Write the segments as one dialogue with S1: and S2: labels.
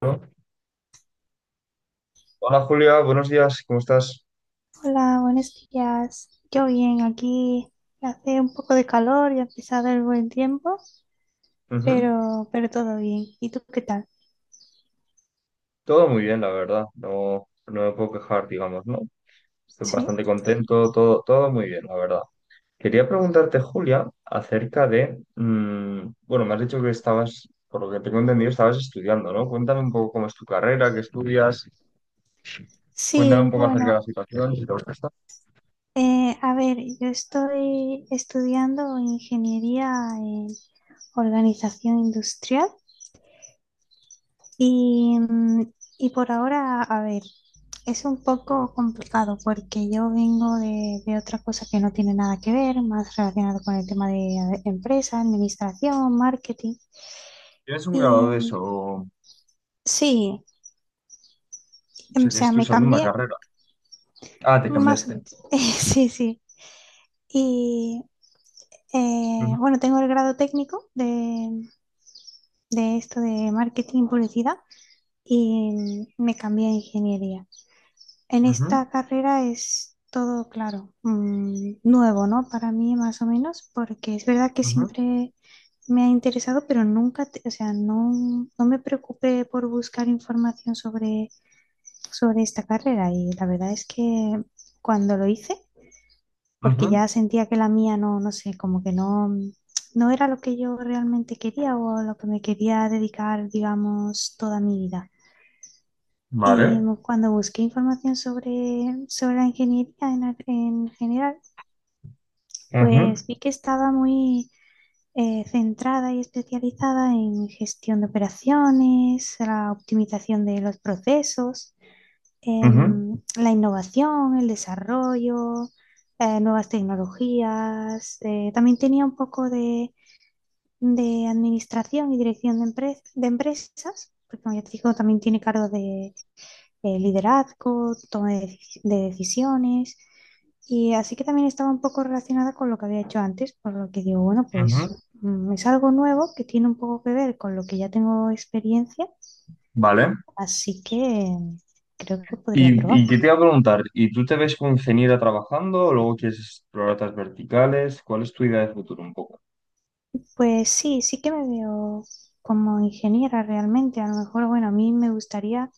S1: Bueno, hola Julia, buenos días, ¿cómo estás?
S2: Hola, buenos días. Yo bien, aquí hace un poco de calor, ya ha empezado el buen tiempo,
S1: Ujú.
S2: pero todo bien. ¿Y tú qué tal?
S1: Todo muy bien, la verdad, no me puedo quejar, digamos, ¿no? Estoy
S2: Sí.
S1: bastante contento, todo muy bien, la verdad. Quería preguntarte, Julia, acerca de, bueno, me has dicho que estabas, por lo que tengo entendido, estabas estudiando, ¿no? Cuéntame un poco cómo es tu carrera, qué estudias, cuéntame un
S2: Sí,
S1: poco acerca de la
S2: bueno,
S1: situación, si te gusta esto.
S2: a ver, yo estoy estudiando ingeniería en organización industrial y, y por ahora, a ver, es un poco complicado porque yo vengo de otra cosa que no tiene nada que ver, más relacionado con el tema de empresa, administración, marketing.
S1: ¿Tienes un
S2: Y
S1: grado de eso? O
S2: sí, o
S1: sea, que es
S2: sea,
S1: tu
S2: me
S1: segunda
S2: cambié
S1: carrera. Ah, te
S2: más.
S1: cambiaste.
S2: Sí, sí. Y
S1: Ujú,
S2: bueno, tengo el grado técnico de esto de marketing y publicidad y me cambié a ingeniería. En
S1: ujú,
S2: esta carrera es todo, claro, nuevo, ¿no? Para mí más o menos, porque es verdad que
S1: ujú,
S2: siempre me ha interesado, pero nunca, o sea, no, no me preocupé por buscar información sobre sobre esta carrera y la verdad es que cuando lo hice, porque
S1: ujú.
S2: ya sentía que la mía no, no sé, como que no, no era lo que yo realmente quería o a lo que me quería dedicar, digamos, toda mi vida. Y
S1: Vale.
S2: cuando busqué información sobre la ingeniería en general,
S1: Ujú.
S2: pues vi que estaba muy centrada y especializada en gestión de operaciones, la optimización de los procesos,
S1: Ujú,
S2: la innovación, el desarrollo, nuevas tecnologías. También tenía un poco de administración y dirección de empresas, porque como ya te digo, también tiene cargo de, liderazgo, toma de decisiones. Y así que también estaba un poco relacionada con lo que había hecho antes, por lo que digo, bueno,
S1: ujú,
S2: pues es algo nuevo que tiene un poco que ver con lo que ya tengo experiencia,
S1: vale.
S2: así que creo que podría
S1: Y,
S2: probar.
S1: y que te iba a preguntar, ¿y tú te ves como ingeniera trabajando o luego quieres explorar otras verticales? ¿Cuál es tu idea de futuro un poco?
S2: Pues sí, sí que me veo como ingeniera realmente. A lo mejor, bueno, a mí me gustaría,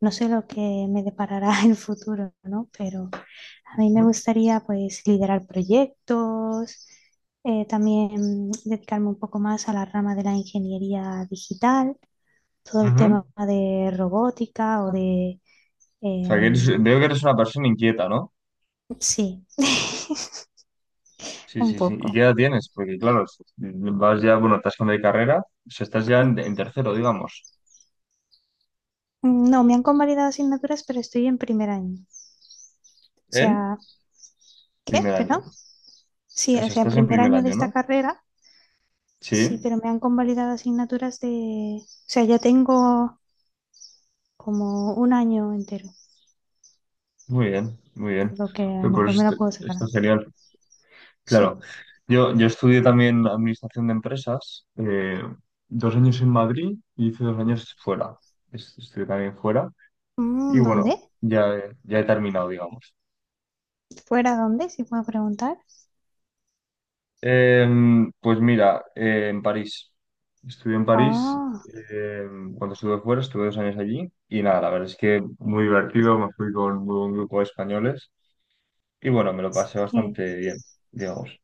S2: no sé lo que me deparará el futuro, ¿no? Pero a mí me
S1: Ujú,
S2: gustaría pues liderar proyectos, también dedicarme un poco más a la rama de la ingeniería digital, todo el
S1: ujú.
S2: tema
S1: O
S2: de robótica o de...
S1: sea, que eres,
S2: em,
S1: veo que eres una persona inquieta, ¿no?
S2: sí,
S1: Sí,
S2: un
S1: sí, sí. ¿Y qué
S2: poco.
S1: edad tienes? Porque claro, es, vas ya, bueno, te has cambiado de carrera, o sea, estás ya
S2: Mm,
S1: en tercero, digamos.
S2: No, me han convalidado asignaturas, pero estoy en primer año. O
S1: ¿En?
S2: sea, ¿qué?
S1: Primer
S2: Perdón.
S1: año.
S2: Sí, o
S1: Eso,
S2: sea, en
S1: estás en
S2: primer
S1: primer
S2: año de
S1: año,
S2: esta
S1: ¿no?
S2: carrera, sí,
S1: Sí.
S2: pero me han convalidado asignaturas de... O sea, ya tengo como un año entero,
S1: Muy bien, muy bien.
S2: por lo que a lo
S1: Pues
S2: mejor me la
S1: está,
S2: puedo sacar
S1: está
S2: antes.
S1: genial.
S2: Sí.
S1: Claro, yo estudié también administración de empresas, dos años en Madrid y hice dos años fuera. Es- Estudié también fuera y bueno,
S2: ¿Dónde?
S1: ya he terminado, digamos.
S2: ¿Fuera dónde? Si puedo preguntar.
S1: Pues mira, en París. Estudié en París,
S2: Ah,
S1: cuando estuve fuera, estuve dos años allí y nada, la verdad es que muy divertido, me fui con un buen grupo de españoles y bueno, me lo pasé
S2: sí.
S1: bastante bien, digamos.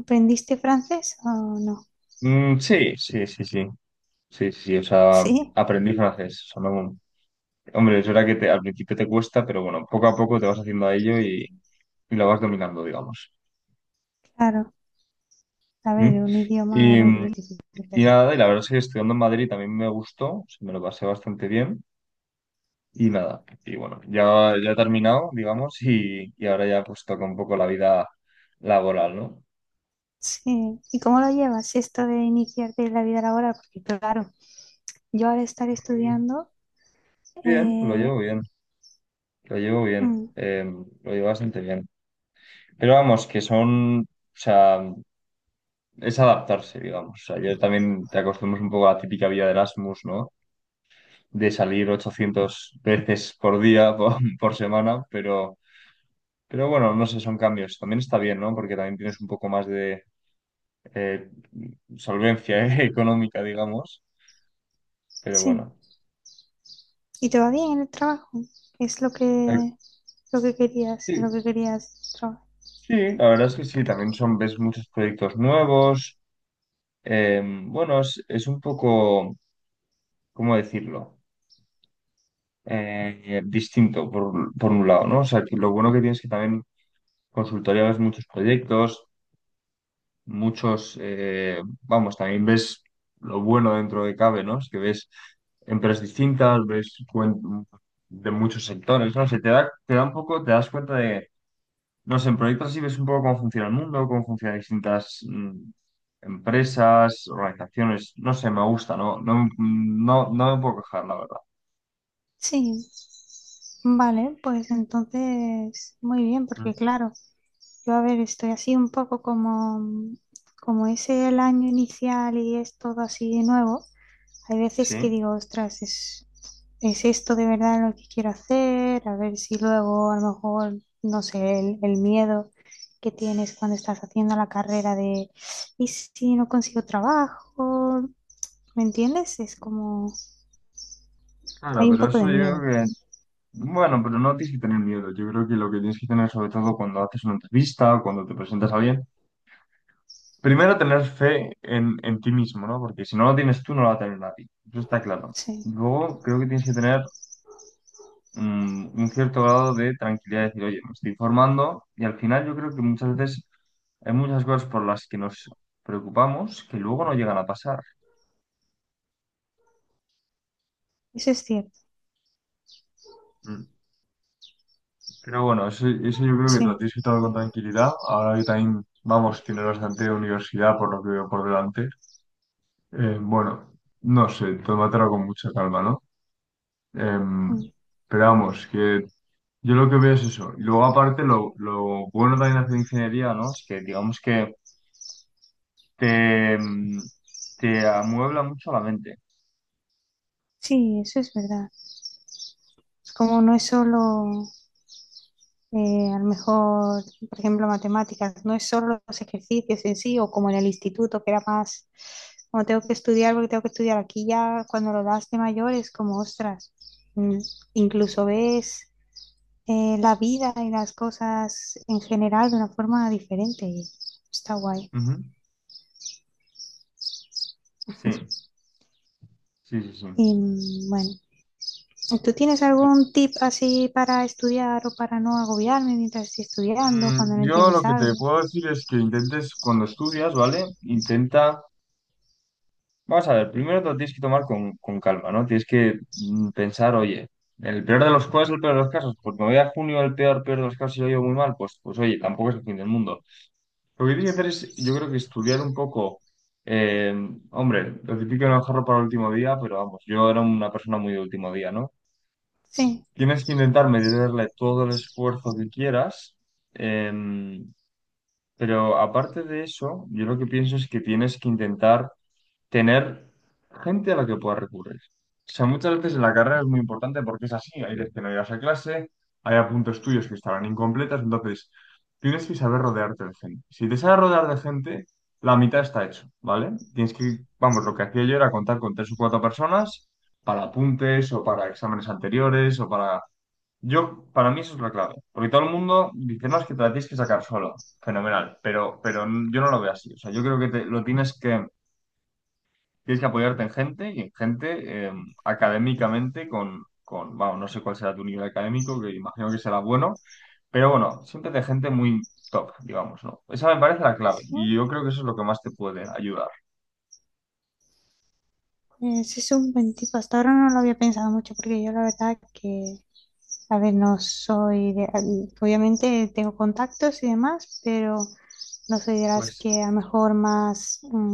S2: ¿Aprendiste francés o no?
S1: Sí, sí, sí, sí, sí, sí, sí, o sea,
S2: Sí,
S1: aprendí francés, o sea, no- Hombre, es verdad que te- al principio te cuesta, pero bueno, poco a poco te vas haciendo a ello y lo vas dominando, digamos.
S2: claro. A ver,
S1: ¿Mm?
S2: un idioma
S1: Y,
S2: al principio es difícil,
S1: y
S2: pero...
S1: nada, y la verdad es que estudiando en Madrid también me gustó, o sea, me lo pasé bastante bien y nada, y bueno, ya, ya he terminado, digamos, y ahora ya pues toca un poco la vida laboral, ¿no?
S2: Sí. ¿Y cómo lo llevas esto de iniciarte en la vida laboral? Porque claro, yo al estar
S1: Mm,
S2: estudiando...
S1: Bien, lo
S2: Eh,
S1: llevo bien, lo llevo bien,
S2: mm,
S1: lo llevo bastante bien. Pero vamos, que son, o sea, es adaptarse, digamos, o sea, yo también te acostumbras un poco a la típica vida de Erasmus, ¿no? De salir 800 veces por día, por semana, pero bueno, no sé, son cambios. También está bien, ¿no? Porque también tienes un poco más de eh, solvencia económica, digamos, pero
S2: Sí.
S1: bueno.
S2: ¿Y te va bien en el trabajo? Es
S1: Eh,
S2: lo
S1: Sí,
S2: que querías trabajar.
S1: sí, la verdad es que sí, también son, ves muchos proyectos nuevos. Bueno, es un poco, ¿cómo decirlo? Distinto por un lado, ¿no? O sea, que lo bueno que tienes es que también consultoría ves muchos proyectos, muchos, vamos, también ves lo bueno dentro de cabe, ¿no? Es que ves empresas distintas, ves cuen- de muchos sectores, ¿no? Se te da un poco, te das cuenta de, no sé, en proyectos así ves un poco cómo funciona el mundo, cómo funcionan distintas empresas, organizaciones, no sé, me gusta, ¿no? No, no, no me puedo quejar, la verdad.
S2: Sí, vale, pues entonces muy bien,
S1: Mm.
S2: porque claro, yo a ver, estoy así un poco como, como es el año inicial y es todo así nuevo, hay veces que
S1: Sí,
S2: digo, ostras, es esto de verdad lo que quiero hacer, a ver si luego a lo mejor, no sé, el miedo que tienes cuando estás haciendo la carrera de, ¿y si no consigo trabajo? ¿Me entiendes? Es como,
S1: claro,
S2: hay un
S1: pero
S2: poco
S1: eso
S2: de
S1: yo creo
S2: miedo.
S1: que, bueno, pero no tienes que tener miedo. Yo creo que lo que tienes que tener sobre todo cuando haces una entrevista o cuando te presentas a alguien primero tener fe en ti mismo, ¿no? Porque si no lo tienes tú, no lo va a tener nadie. Eso está claro.
S2: Sí,
S1: Luego creo que tienes que tener un cierto grado de tranquilidad, decir, oye, me estoy formando y al final yo creo que muchas veces hay muchas cosas por las que nos preocupamos que luego no llegan a pasar.
S2: eso es cierto.
S1: Mm. Pero bueno, eso yo creo que te lo
S2: Sí.
S1: tienes que tomar con tranquilidad. Ahora que también, vamos, tienes bastante universidad por lo que veo por delante. Bueno, no sé, tómatelo con mucha calma, ¿no? Em,
S2: Mm.
S1: pero vamos, que yo lo que veo es eso. Y luego, aparte, lo bueno también de hacer ingeniería, ¿no? Es que, digamos que te, mm, te amuebla mucho la mente.
S2: Sí, eso es verdad. Es como no es solo, a lo mejor, por ejemplo, matemáticas, no es solo los ejercicios en sí o como en el instituto, que era más, como tengo que estudiar porque tengo que estudiar. Aquí ya cuando lo das de mayor es como, ostras, mm, incluso ves la vida y las cosas en general de una forma diferente y está guay.
S1: Ujú. Sí, sí, sí, sí.
S2: Y bueno. ¿Tú tienes algún tip así para estudiar o para no agobiarme mientras estoy estudiando, cuando no
S1: Yo
S2: entiendes
S1: lo que
S2: algo?
S1: te puedo decir es que intentes, cuando estudias, ¿vale? Intenta, vamos a ver, primero te lo tienes que tomar con calma, ¿no? Tienes que pensar, oye, el peor de los, ¿cuál es el peor de los casos? Pues me voy a junio, el peor, peor de los casos, y lo llevo muy mal, pues, pues oye, tampoco es el fin del mundo. Lo que tienes que hacer es, yo creo que estudiar un poco, eh, hombre, lo típico no dejarlo para el último día, pero vamos, yo era una persona muy de último día, ¿no?
S2: Sí,
S1: Tienes que intentar meterle todo el esfuerzo que quieras, eh, pero aparte de eso, yo lo que pienso es que tienes que intentar tener gente a la que puedas recurrir. O sea, muchas veces en la carrera es muy importante porque es así, hay veces que no llegas a clase, hay apuntes tuyos que estarán incompletas, entonces tienes que saber rodearte de gente. Si te sabes rodear de gente, la mitad está hecho, ¿vale? Tienes que, vamos, lo que hacía yo era contar con tres o cuatro personas para apuntes o para exámenes anteriores o para... Yo, para mí eso es la clave, porque todo el mundo dice, no, es que te la tienes que sacar solo, fenomenal, pero yo no lo veo así, o sea, yo creo que te- lo tienes que tienes que apoyarte en gente y en gente académicamente con, vamos, no sé cuál será tu nivel académico, que imagino que será bueno, pero bueno, siempre de gente muy top, digamos, ¿no? Esa me parece la clave
S2: sí,
S1: y yo creo que eso es lo que más te puede ayudar.
S2: pues es un buen tip. Hasta ahora no lo había pensado mucho porque yo la verdad que, a ver, no soy de... Obviamente tengo contactos y demás, pero no soy de las
S1: Pues,
S2: que a lo mejor más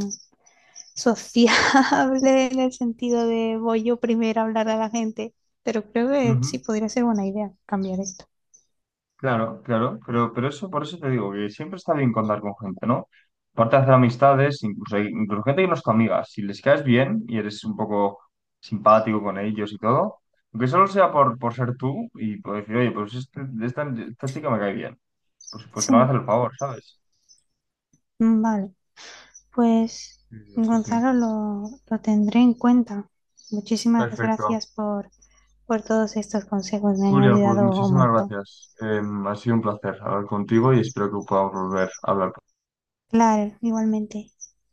S2: sociable en el sentido de voy yo primero a hablar a la gente, pero creo que sí
S1: ujú.
S2: podría ser buena idea cambiar esto.
S1: Claro, claro, pero eso por eso te digo que siempre está bien contar con gente, ¿no? Aparte de hacer amistades, incluso gente que no es tu amiga, si les caes bien y eres un poco simpático con ellos y todo, aunque solo sea por ser tú y por decir, oye, pues este- esta chica me cae bien, pues te van a
S2: Sí,
S1: hacer el favor, ¿sabes?
S2: vale. Pues,
S1: Y digo, sí, sí.
S2: Gonzalo, lo tendré en cuenta. Muchísimas
S1: Perfecto.
S2: gracias por todos estos consejos, me han
S1: Julia, pues
S2: ayudado un
S1: muchísimas
S2: montón.
S1: gracias. Ha sido un placer hablar contigo y espero que podamos volver a hablar.
S2: Claro, igualmente.